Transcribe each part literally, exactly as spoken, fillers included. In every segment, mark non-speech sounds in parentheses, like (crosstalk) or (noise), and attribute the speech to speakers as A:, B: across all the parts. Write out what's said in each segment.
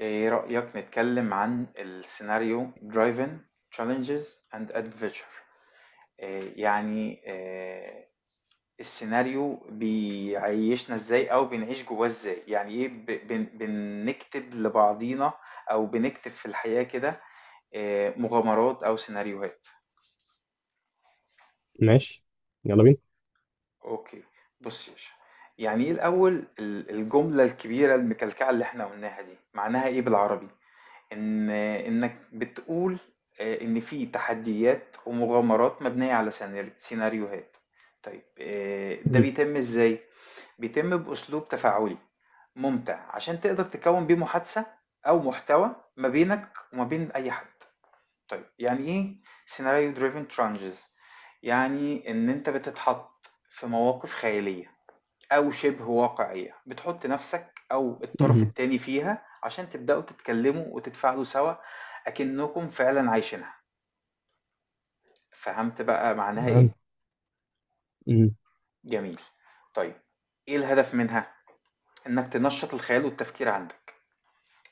A: ايه رأيك نتكلم عن السيناريو driven challenges and adventure؟ إيه يعني إيه السيناريو بيعيشنا ازاي او بنعيش جواه ازاي؟ يعني ايه، ب- بن- بنكتب لبعضينا او بنكتب في الحياة كده؟ إيه مغامرات او سيناريوهات؟
B: ماشي. يلا بينا.
A: اوكي، بص يا باشا، يعني ايه الاول؟ ال- الجملة الكبيرة المكلكعة اللي احنا قلناها دي معناها ايه بالعربي؟ ان انك بتقول آه، ان في تحديات ومغامرات مبنية على سيناري- سيناريوهات. طيب آه، ده
B: مهم.
A: بيتم ازاي؟ بيتم باسلوب تفاعلي ممتع عشان تقدر تكون بيه محادثة او محتوى ما بينك وما بين اي حد. طيب يعني ايه سيناريو دريفن ترانجز؟ يعني ان انت بتتحط في مواقف خيالية أو شبه واقعية، بتحط نفسك أو الطرف
B: مهم.
A: التاني فيها عشان تبدأوا تتكلموا وتتفاعلوا سوا، أكنكم فعلا عايشينها. فهمت بقى معناها إيه؟
B: تمام. مهم.
A: جميل. طيب إيه الهدف منها؟ إنك تنشط الخيال والتفكير عندك،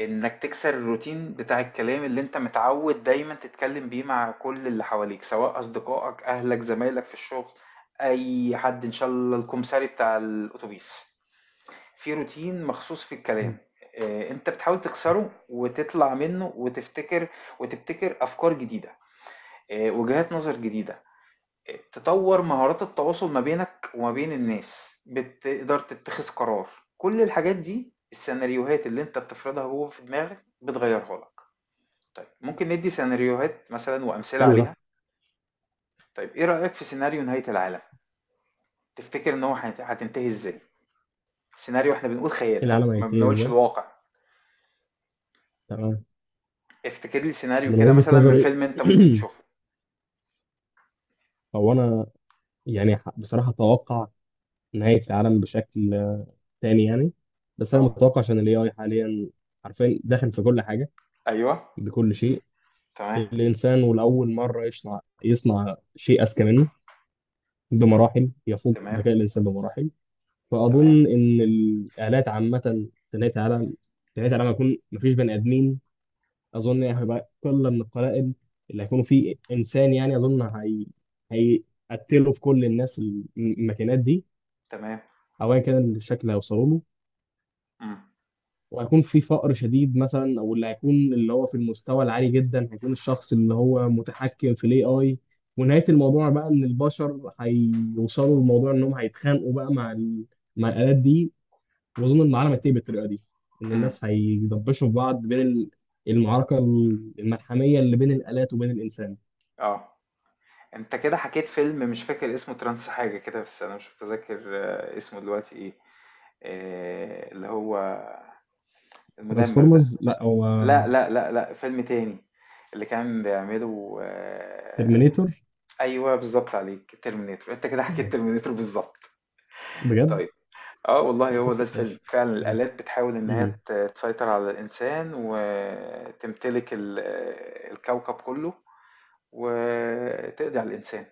A: إنك تكسر الروتين بتاع الكلام اللي أنت متعود دايما تتكلم بيه مع كل اللي حواليك، سواء أصدقائك، أهلك، زمايلك في الشغل، أي حد، إن شاء الله الكمساري بتاع الأتوبيس، في روتين مخصوص في الكلام. آه، انت بتحاول تكسره وتطلع منه وتفتكر وتبتكر افكار جديده، آه، وجهات نظر جديده، آه، تطور مهارات التواصل ما بينك وما بين الناس، بتقدر تتخذ قرار. كل الحاجات دي السيناريوهات اللي انت بتفرضها جوه في دماغك بتغيرها لك. طيب ممكن ندي سيناريوهات مثلا وامثله
B: حلو ده.
A: عليها؟ طيب ايه رايك في سيناريو نهايه العالم؟ تفتكر ان هو هيت- هتنتهي ازاي؟ سيناريو، احنا بنقول خيال،
B: إيه
A: ها،
B: العالم
A: ما
B: هينتهي
A: بنقولش
B: ازاي؟
A: الواقع.
B: تمام.
A: افتكر لي سيناريو
B: من
A: كده
B: وجهة
A: مثلا من
B: نظري
A: فيلم انت ممكن
B: (clears throat)
A: تشوفه.
B: هو انا يعني ح- بصراحة اتوقع نهاية العالم بشكل آه، تاني يعني. بس انا
A: اه.
B: متوقع عشان الاي اي حاليا حرفيا داخل في كل حاجة،
A: ايوه.
B: بكل شيء.
A: تمام.
B: الانسان ولاول مرة يصنع يصنع شيء اذكى منه
A: مم.
B: بمراحل، يفوق
A: تمام.
B: ذكاء الانسان بمراحل.
A: تمام.
B: فاظن ان الالات عامة في نهاية العالم، في نهاية العالم هيكون مفيش بني ادمين. اظن يعني هيبقى قله من القلائل اللي هيكونوا فيه انسان، يعني اظن هي هيقتلوا في كل الناس الم- الماكينات دي،
A: تمام.
B: او ايا كان الشكل اللي هيوصلوا له.
A: مم.
B: وهيكون في فقر شديد مثلا، او اللي هيكون اللي هو في المستوى العالي جدا هيكون الشخص اللي هو متحكم في الاي اي. ونهايه الموضوع بقى ان البشر هيوصلوا لموضوع انهم هيتخانقوا بقى مع ال... مع الالات دي. واظن ان العالم هينتهي بالطريقه دي، ان
A: مم.
B: الناس هيدبشوا في بعض بين ال- المعركه الملحميه اللي بين الالات وبين الانسان.
A: اه. انت كده حكيت فيلم مش فاكر اسمه، ترانس حاجة كده، بس انا مش متذكر آه، اسمه دلوقتي ايه، آه، اللي هو المدمر ده.
B: ترانسفورمرز لا هو.
A: لا لا لا لا، فيلم تاني اللي كان بيعمله. آه،
B: ترمينيتور.
A: ايوه بالظبط عليك، ترمينيتور. انت كده حكيت
B: آه،
A: ترمينيتور بالظبط.
B: بجد.
A: طيب، اه والله
B: هو
A: هو ده
B: قصة
A: الفيلم
B: ماشي.
A: فعلا،
B: كمل.
A: الآلات بتحاول إن هي
B: مم.
A: ت- تسيطر على الإنسان وتمتلك ال- الكوكب كله وتقضي على الإنسان.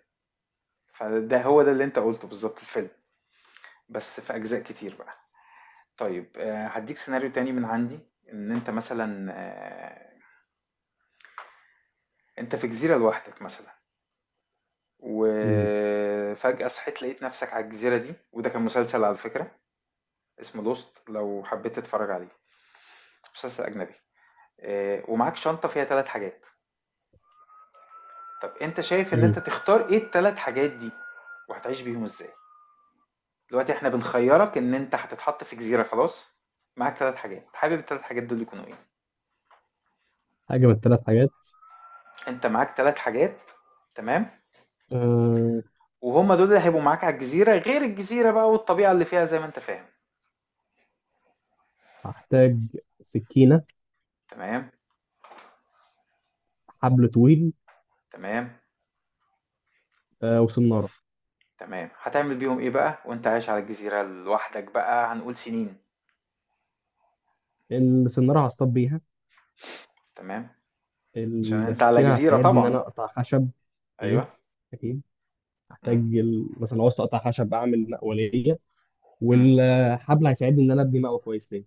A: فده هو ده اللي أنت قلته بالظبط، الفيلم، بس في أجزاء كتير بقى. طيب آه، هديك سيناريو تاني من عندي. إن أنت مثلا آه، أنت في جزيرة لوحدك مثلا،
B: مم.
A: وفجأة صحيت لقيت نفسك على الجزيرة دي. وده كان مسلسل على فكرة اسمه لوست، لو حبيت تتفرج عليه، مسلسل أجنبي. آه، ومعاك شنطة فيها ثلاث حاجات. طب انت شايف ان
B: مم.
A: انت تختار ايه التلات حاجات دي وهتعيش بيهم ازاي؟ دلوقتي احنا بنخيرك ان انت هتتحط في جزيرة، خلاص، معاك تلات حاجات، حابب التلات حاجات دول يكونوا ايه؟
B: حاجة من الثلاث حاجات.
A: انت معاك تلات حاجات، تمام،
B: أه...
A: وهما دول اللي هيبقوا معاك على الجزيرة، غير الجزيرة بقى والطبيعة اللي فيها زي ما انت فاهم.
B: هحتاج سكينة،
A: تمام.
B: حبل طويل،
A: تمام.
B: أه... وسنارة.
A: تمام. هتعمل بيهم ايه بقى وانت عايش على الجزيرة لوحدك بقى، هنقول سنين؟
B: السنارة هصطاد بيها.
A: تمام. عشان انت على
B: السكينة
A: جزيرة
B: هتساعدني إن أنا
A: طبعا.
B: أقطع خشب. مم.
A: ايوه.
B: أكيد. هحتاج
A: مم.
B: ال- مثلا لو عاوز أقطع خشب أعمل مقولية،
A: مم.
B: والحبل هيساعدني إن أنا أبني مقوى كويس ليه.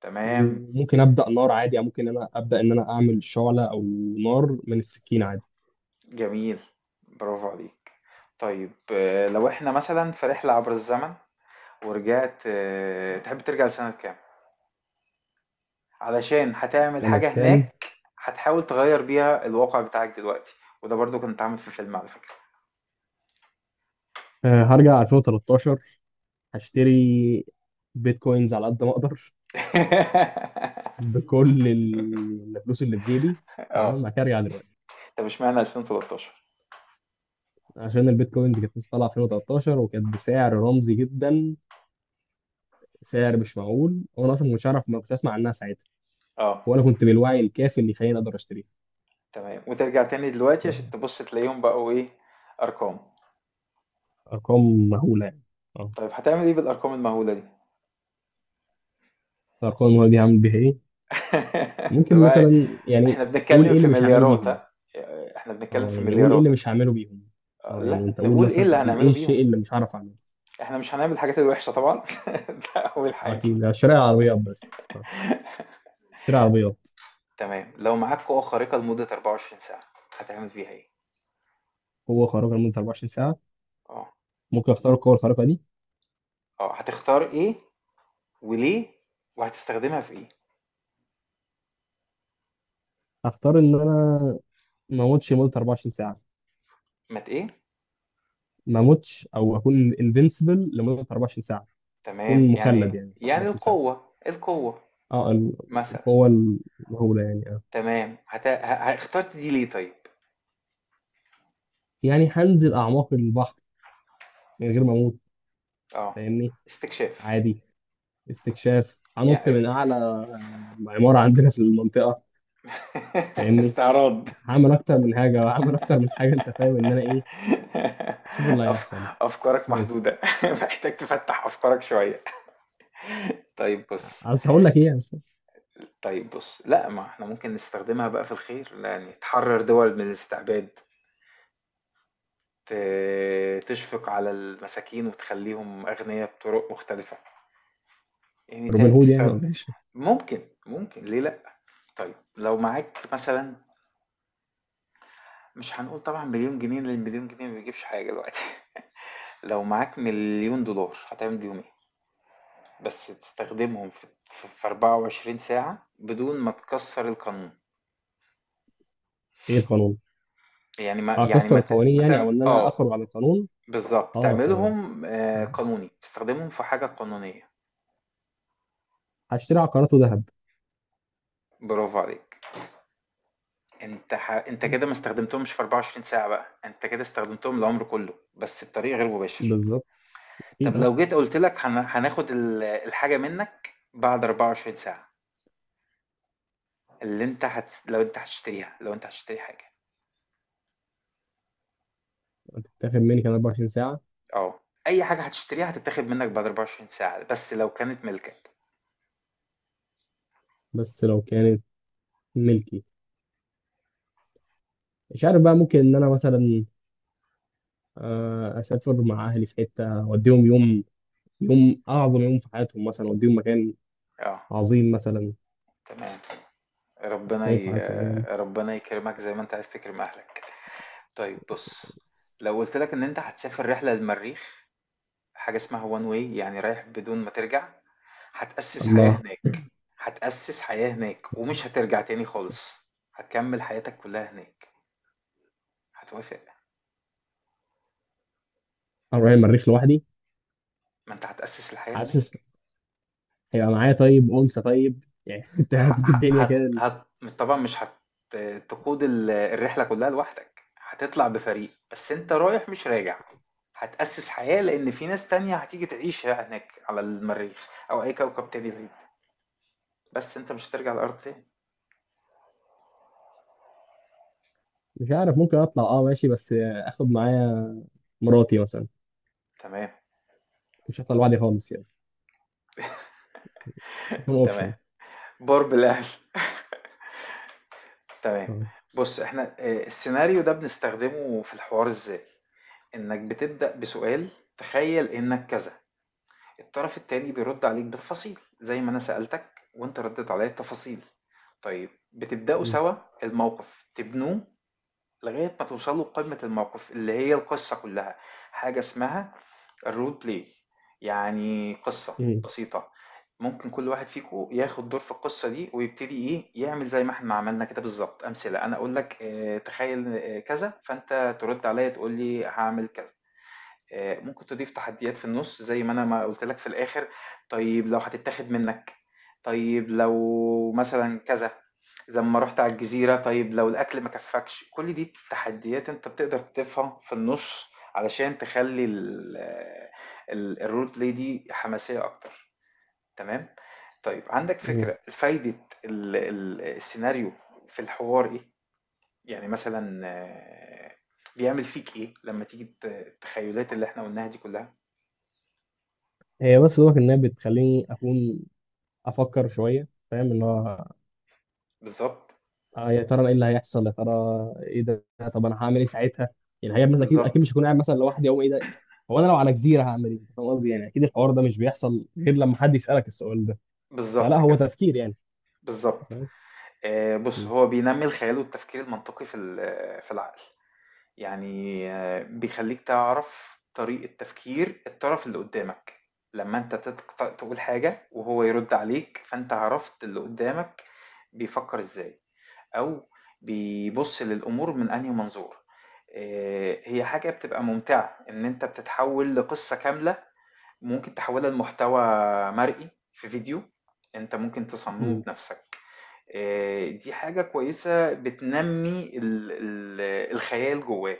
A: تمام.
B: وممكن أبدأ نار عادي، أو ممكن أنا أبدأ إن أنا أعمل شعلة، أو نار من السكينة عادي.
A: جميل، برافو عليك. طيب آآ، لو إحنا مثلًا في رحلة عبر الزمن ورجعت، آآ، تحب ترجع لسنة كام؟ علشان هتعمل
B: سنة
A: حاجة
B: كام؟
A: هناك، هتحاول تغيّر بيها الواقع بتاعك دلوقتي، وده برضه كان اتعمل في فيلم على فكرة.
B: آه، هرجع ألفين وتلتاشر. هشتري بيتكوينز على قد ما اقدر
A: (laughs)
B: بكل ال- الفلوس اللي في جيبي. تمام،
A: آه،
B: بعد كده ارجع دلوقتي.
A: طب اشمعنى ألفين وتلتاشر؟
B: عشان البيتكوينز كانت لسه طالعه ألفين وثلاثة عشر وكانت بسعر رمزي جدا، سعر مش معقول، وانا اصلا ما كنتش اعرف، ما كنتش اسمع عنها ساعتها،
A: آه،
B: ولا كنت بالوعي الكافي اللي يخليني اقدر اشتريها.
A: تمام، وترجع تاني دلوقتي عشان تبُص تلاقيهم بقوا إيه، أرقام.
B: ارقام مهوله يعني. اه.
A: طيب هتعمل إيه بالأرقام المهولة دي؟
B: الارقام المهوله دي هعمل بيها ايه؟
A: (laughs) أنت
B: ممكن
A: بقى،
B: مثلا يعني
A: إحنا
B: قول
A: بنتكلم
B: ايه اللي
A: في
B: مش هعمله
A: مليارات،
B: بيهم.
A: ها، آه، إحنا بنتكلم
B: اه
A: في
B: يعني قول ايه
A: مليارات.
B: اللي مش هعمله بيهم. اه يعني
A: لأ،
B: انت قول
A: نقول إيه اللي
B: مثلا
A: هنعمله
B: ايه
A: بيهم،
B: الشيء اللي مش هعرف اعمله.
A: إحنا مش هنعمل الحاجات الوحشة طبعًا، (laughs) ده أول
B: اه،
A: حاجة.
B: اكيد ده شراء العربيات بس اه، شراء العربيات.
A: تمام، لو معاك قوة خارقة لمدة أربعة وعشرين ساعة، هتعمل بيها إيه؟
B: قوة خارقة لمدة أربعة وعشرين ساعة.
A: آه،
B: ممكن اختار القوة الخارقة دي.
A: آه، هتختار إيه وليه وهتستخدمها في إيه؟
B: هختار ان انا ما اموتش لمدة أربعة وعشرين ساعة،
A: مت إيه؟
B: ما اموتش او اكون انفنسبل لمدة أربعة وعشرين ساعة،
A: تمام،
B: اكون
A: يعني
B: مخلد يعني
A: يعني
B: أربعة وعشرين ساعة.
A: القوة القوة
B: اه ال-
A: مثلًا.
B: القوة المهولة يعني اه.
A: تمام، هت ه ه اخترت دي ليه طيب؟
B: يعني هنزل اعماق البحر من غير ما اموت،
A: آه،
B: فاهمني،
A: استكشاف.
B: عادي. استكشاف.
A: يع
B: هنط من اعلى اه، عمارة عندنا في المنطقة،
A: (laughs)
B: فاهمني.
A: استعراض.
B: هعمل اكتر من حاجه، وهعمل اكتر من حاجه، انت فاهم ان انا ايه.
A: (laughs)
B: اشوف اللي
A: أف،
B: هيحصل
A: أفكارك
B: بس.
A: محدودة، (laughs) محتاج تفتّح أفكارك شوية. طيب بُص
B: عايز هقول لك ايه يعني.
A: طيب بُص، لأ ما إحنا ممكن نستخدمها بقى في الخير، يعني تحرر دول من الاستعباد، ت تشفق على المساكين وتخلّيهم أغنيا بطرق مختلفة، يعني ت
B: روبن هود يعني
A: تستخد
B: ولا ايش؟
A: ممكن، ممكن ليه لأ؟ طيب لو معاك مثلًا، مش هنقول طبعًا مليون جنيه، لإن مليون جنيه ما بيجيبش حاجة دلوقتي، (laughs) لو معاك مليون دولار هتعمل بيهم إيه؟ بس تستخدمهم في في في أربعة وعشرين ساعة بدون ما تكسّر القانون.
B: ايه القانون؟
A: يعني ما يعني
B: اكسر
A: ما ت
B: القوانين
A: ما
B: يعني،
A: تعم
B: او ان انا
A: آه.
B: اخرج عن القانون.
A: بالضبط،
B: اه تمام،
A: تعملهم آآ
B: تمام.
A: قانوني، تستخدمهم في حاجة قانونية،
B: هشتري عقارات وذهب
A: برافو عليك. أنت ح أنت كده ما
B: بس.
A: استخدمتهمش في أربعة وعشرين ساعة بقى، أنت كده استخدمتهم العمر كله، بس بطريق غير مباشر.
B: بالظبط،
A: طب
B: اكيد اه.
A: لو جيت قُلت لك، هن هناخد ال الحاجة منك بعد أربعة وعشرين ساعة، اللي أنت هتس لو أنت هتشتريها، لو أنت هتشتري حاجة،
B: هتتاخد مني كمان أربعة وعشرين ساعه؟
A: آه، أي حاجة هتشتريها هتتاخد منك بعد أربعة وعشرين ساعة، بس لو كانت ملكك.
B: بس لو كانت ملكي، مش عارف بقى، ممكن ان انا مثلا آه، اسافر مع اهلي في حته، اوديهم يوم، يوم اعظم يوم في حياتهم مثلا، اوديهم مكان
A: آه،
B: عظيم مثلا،
A: تمام.
B: احسن
A: ربنا
B: يوم في
A: ي
B: حياتهم يعني.
A: ربنا يكرمك زي ما أنت عايز تكرم أهلك. طيب بُص، لو قُلت لك إن أنت هتسافر رحلة للمريخ، حاجة اسمها one way، يعني رايح بدون ما ترجع، هتأسّس حياة
B: الله.
A: هناك، هتأسّس حياة هناك ومش هترجع تاني خالص، هتكمّل حياتك كلّها هناك، هتوافق؟
B: انا رايح المريخ لوحدي؟
A: ما أنت هتأسّس الحياة
B: حاسس
A: هناك.
B: هيبقى معايا طيب انثى طيب يعني (laughs)
A: ح
B: تهدي
A: ح
B: الدنيا
A: هت
B: كده.
A: هت طبعًا مش هت تقود ال الرحلة كلّها لوحدك، هتطلع بفريق، بس أنت رايح مش راجع، هتأسّس حياة لإن في ناس تانية هتيجي تعيش هناك على المريخ أو أي كوكب تاني بعيد. بس أنت مش هترجع الأرض تاني.
B: مش عارف، ممكن اطلع اه ماشي، بس اخد معايا مراتي مثلا،
A: تمام.
B: مش هطلع لوحدي خالص يعني، مش هيكون
A: تمام.
B: اوبشن.
A: بار بالأهل. تمام.
B: اه.
A: بُص، إحنا آآ السيناريو ده بنستخدمه في الحوار إزاي؟ إنّك بتبدأ بسؤال، تخيّل إنّك كذا، الطرف التاني بيرُد عليك بالتفاصيل، زي ما أنا سألتك وأنت ردّيت عليّا بتفاصيل. طيب بتبدأوا
B: م-
A: سوا الموقف، تبنوه لغاية ما توصلوا لقمة الموقف اللي هي القصة كلها. حاجة اسمها الرول بلاي، يعني قصة
B: م-
A: بسيطة، ممكن كل واحد فيكم ياخد دور في القصة دي ويبتدي ايه يعمل، زي ما احنا عملنا كده بالظبط أمثلة. أنا أقول لك آه، تخيل آه، كذا، فأنت ترد عليا تقول لي هعمل كذا. آه، ممكن تضيف تحديات في النص، زي ما انا ما قلت لك في الاخر، طيب لو هتتاخد منك، طيب لو مثلا كذا، زي ما رحت على الجزيرة، طيب لو الاكل ما كفكش، كل دي تحديات انت بتقدر تضيفها في النص علشان تخلي ال- آه، ال- الرول بلاي دي حماسية اكتر. تمام. طيب عندك
B: م.
A: فكرة فايدة ال- ال- السيناريو في الحوار ايه؟ يعني مثلا آه، بيعمل فيك ايه لما تيجي الت- التخيلات اللي احنا قلناها دي كلها؟
B: هي بس دوك انها بتخليني اكون افكر شويه، فاهم اللي هو،
A: بالضبط.
B: آه يا ترى ايه اللي هيحصل، يا ترى ايه ده، طب انا هعمل ايه ساعتها، يعني هي مثلا اكيد اكيد
A: بالضبط.
B: مش هكون قاعد مثلا لوحدي او ايه ده، هو انا لو على جزيره هعمل ايه، فاهم قصدي، يعني اكيد الحوار ده مش بيحصل غير لما حد يسالك السؤال ده، فلا
A: بالضبط
B: هو
A: كده.
B: تفكير يعني.
A: بالضبط. آآ بُص،
B: مم.
A: هو بينمّي الخيال والتفكير المنطقي في ال في العقل، يعني آه، بيخلّيك تعرف طريقة تفكير الطرف اللي قدّامك، لمّا أنت تتق تقول حاجة وهو يرُد عليك، فأنت عرفت اللي قدّامك بيفكّر إزاي أو بيبُص للأمور من أنهي منظور. آآ هي حاجة بتبقى ممتعة إن أنت بتتحوّل لقصة كاملة، ممكن تحولها لمحتوى مرئي في فيديو انت ممكن تصممه
B: مم.
A: بنفسك. آه، دي حاجة كويسة بتنمي ال- ال- الخيال جواه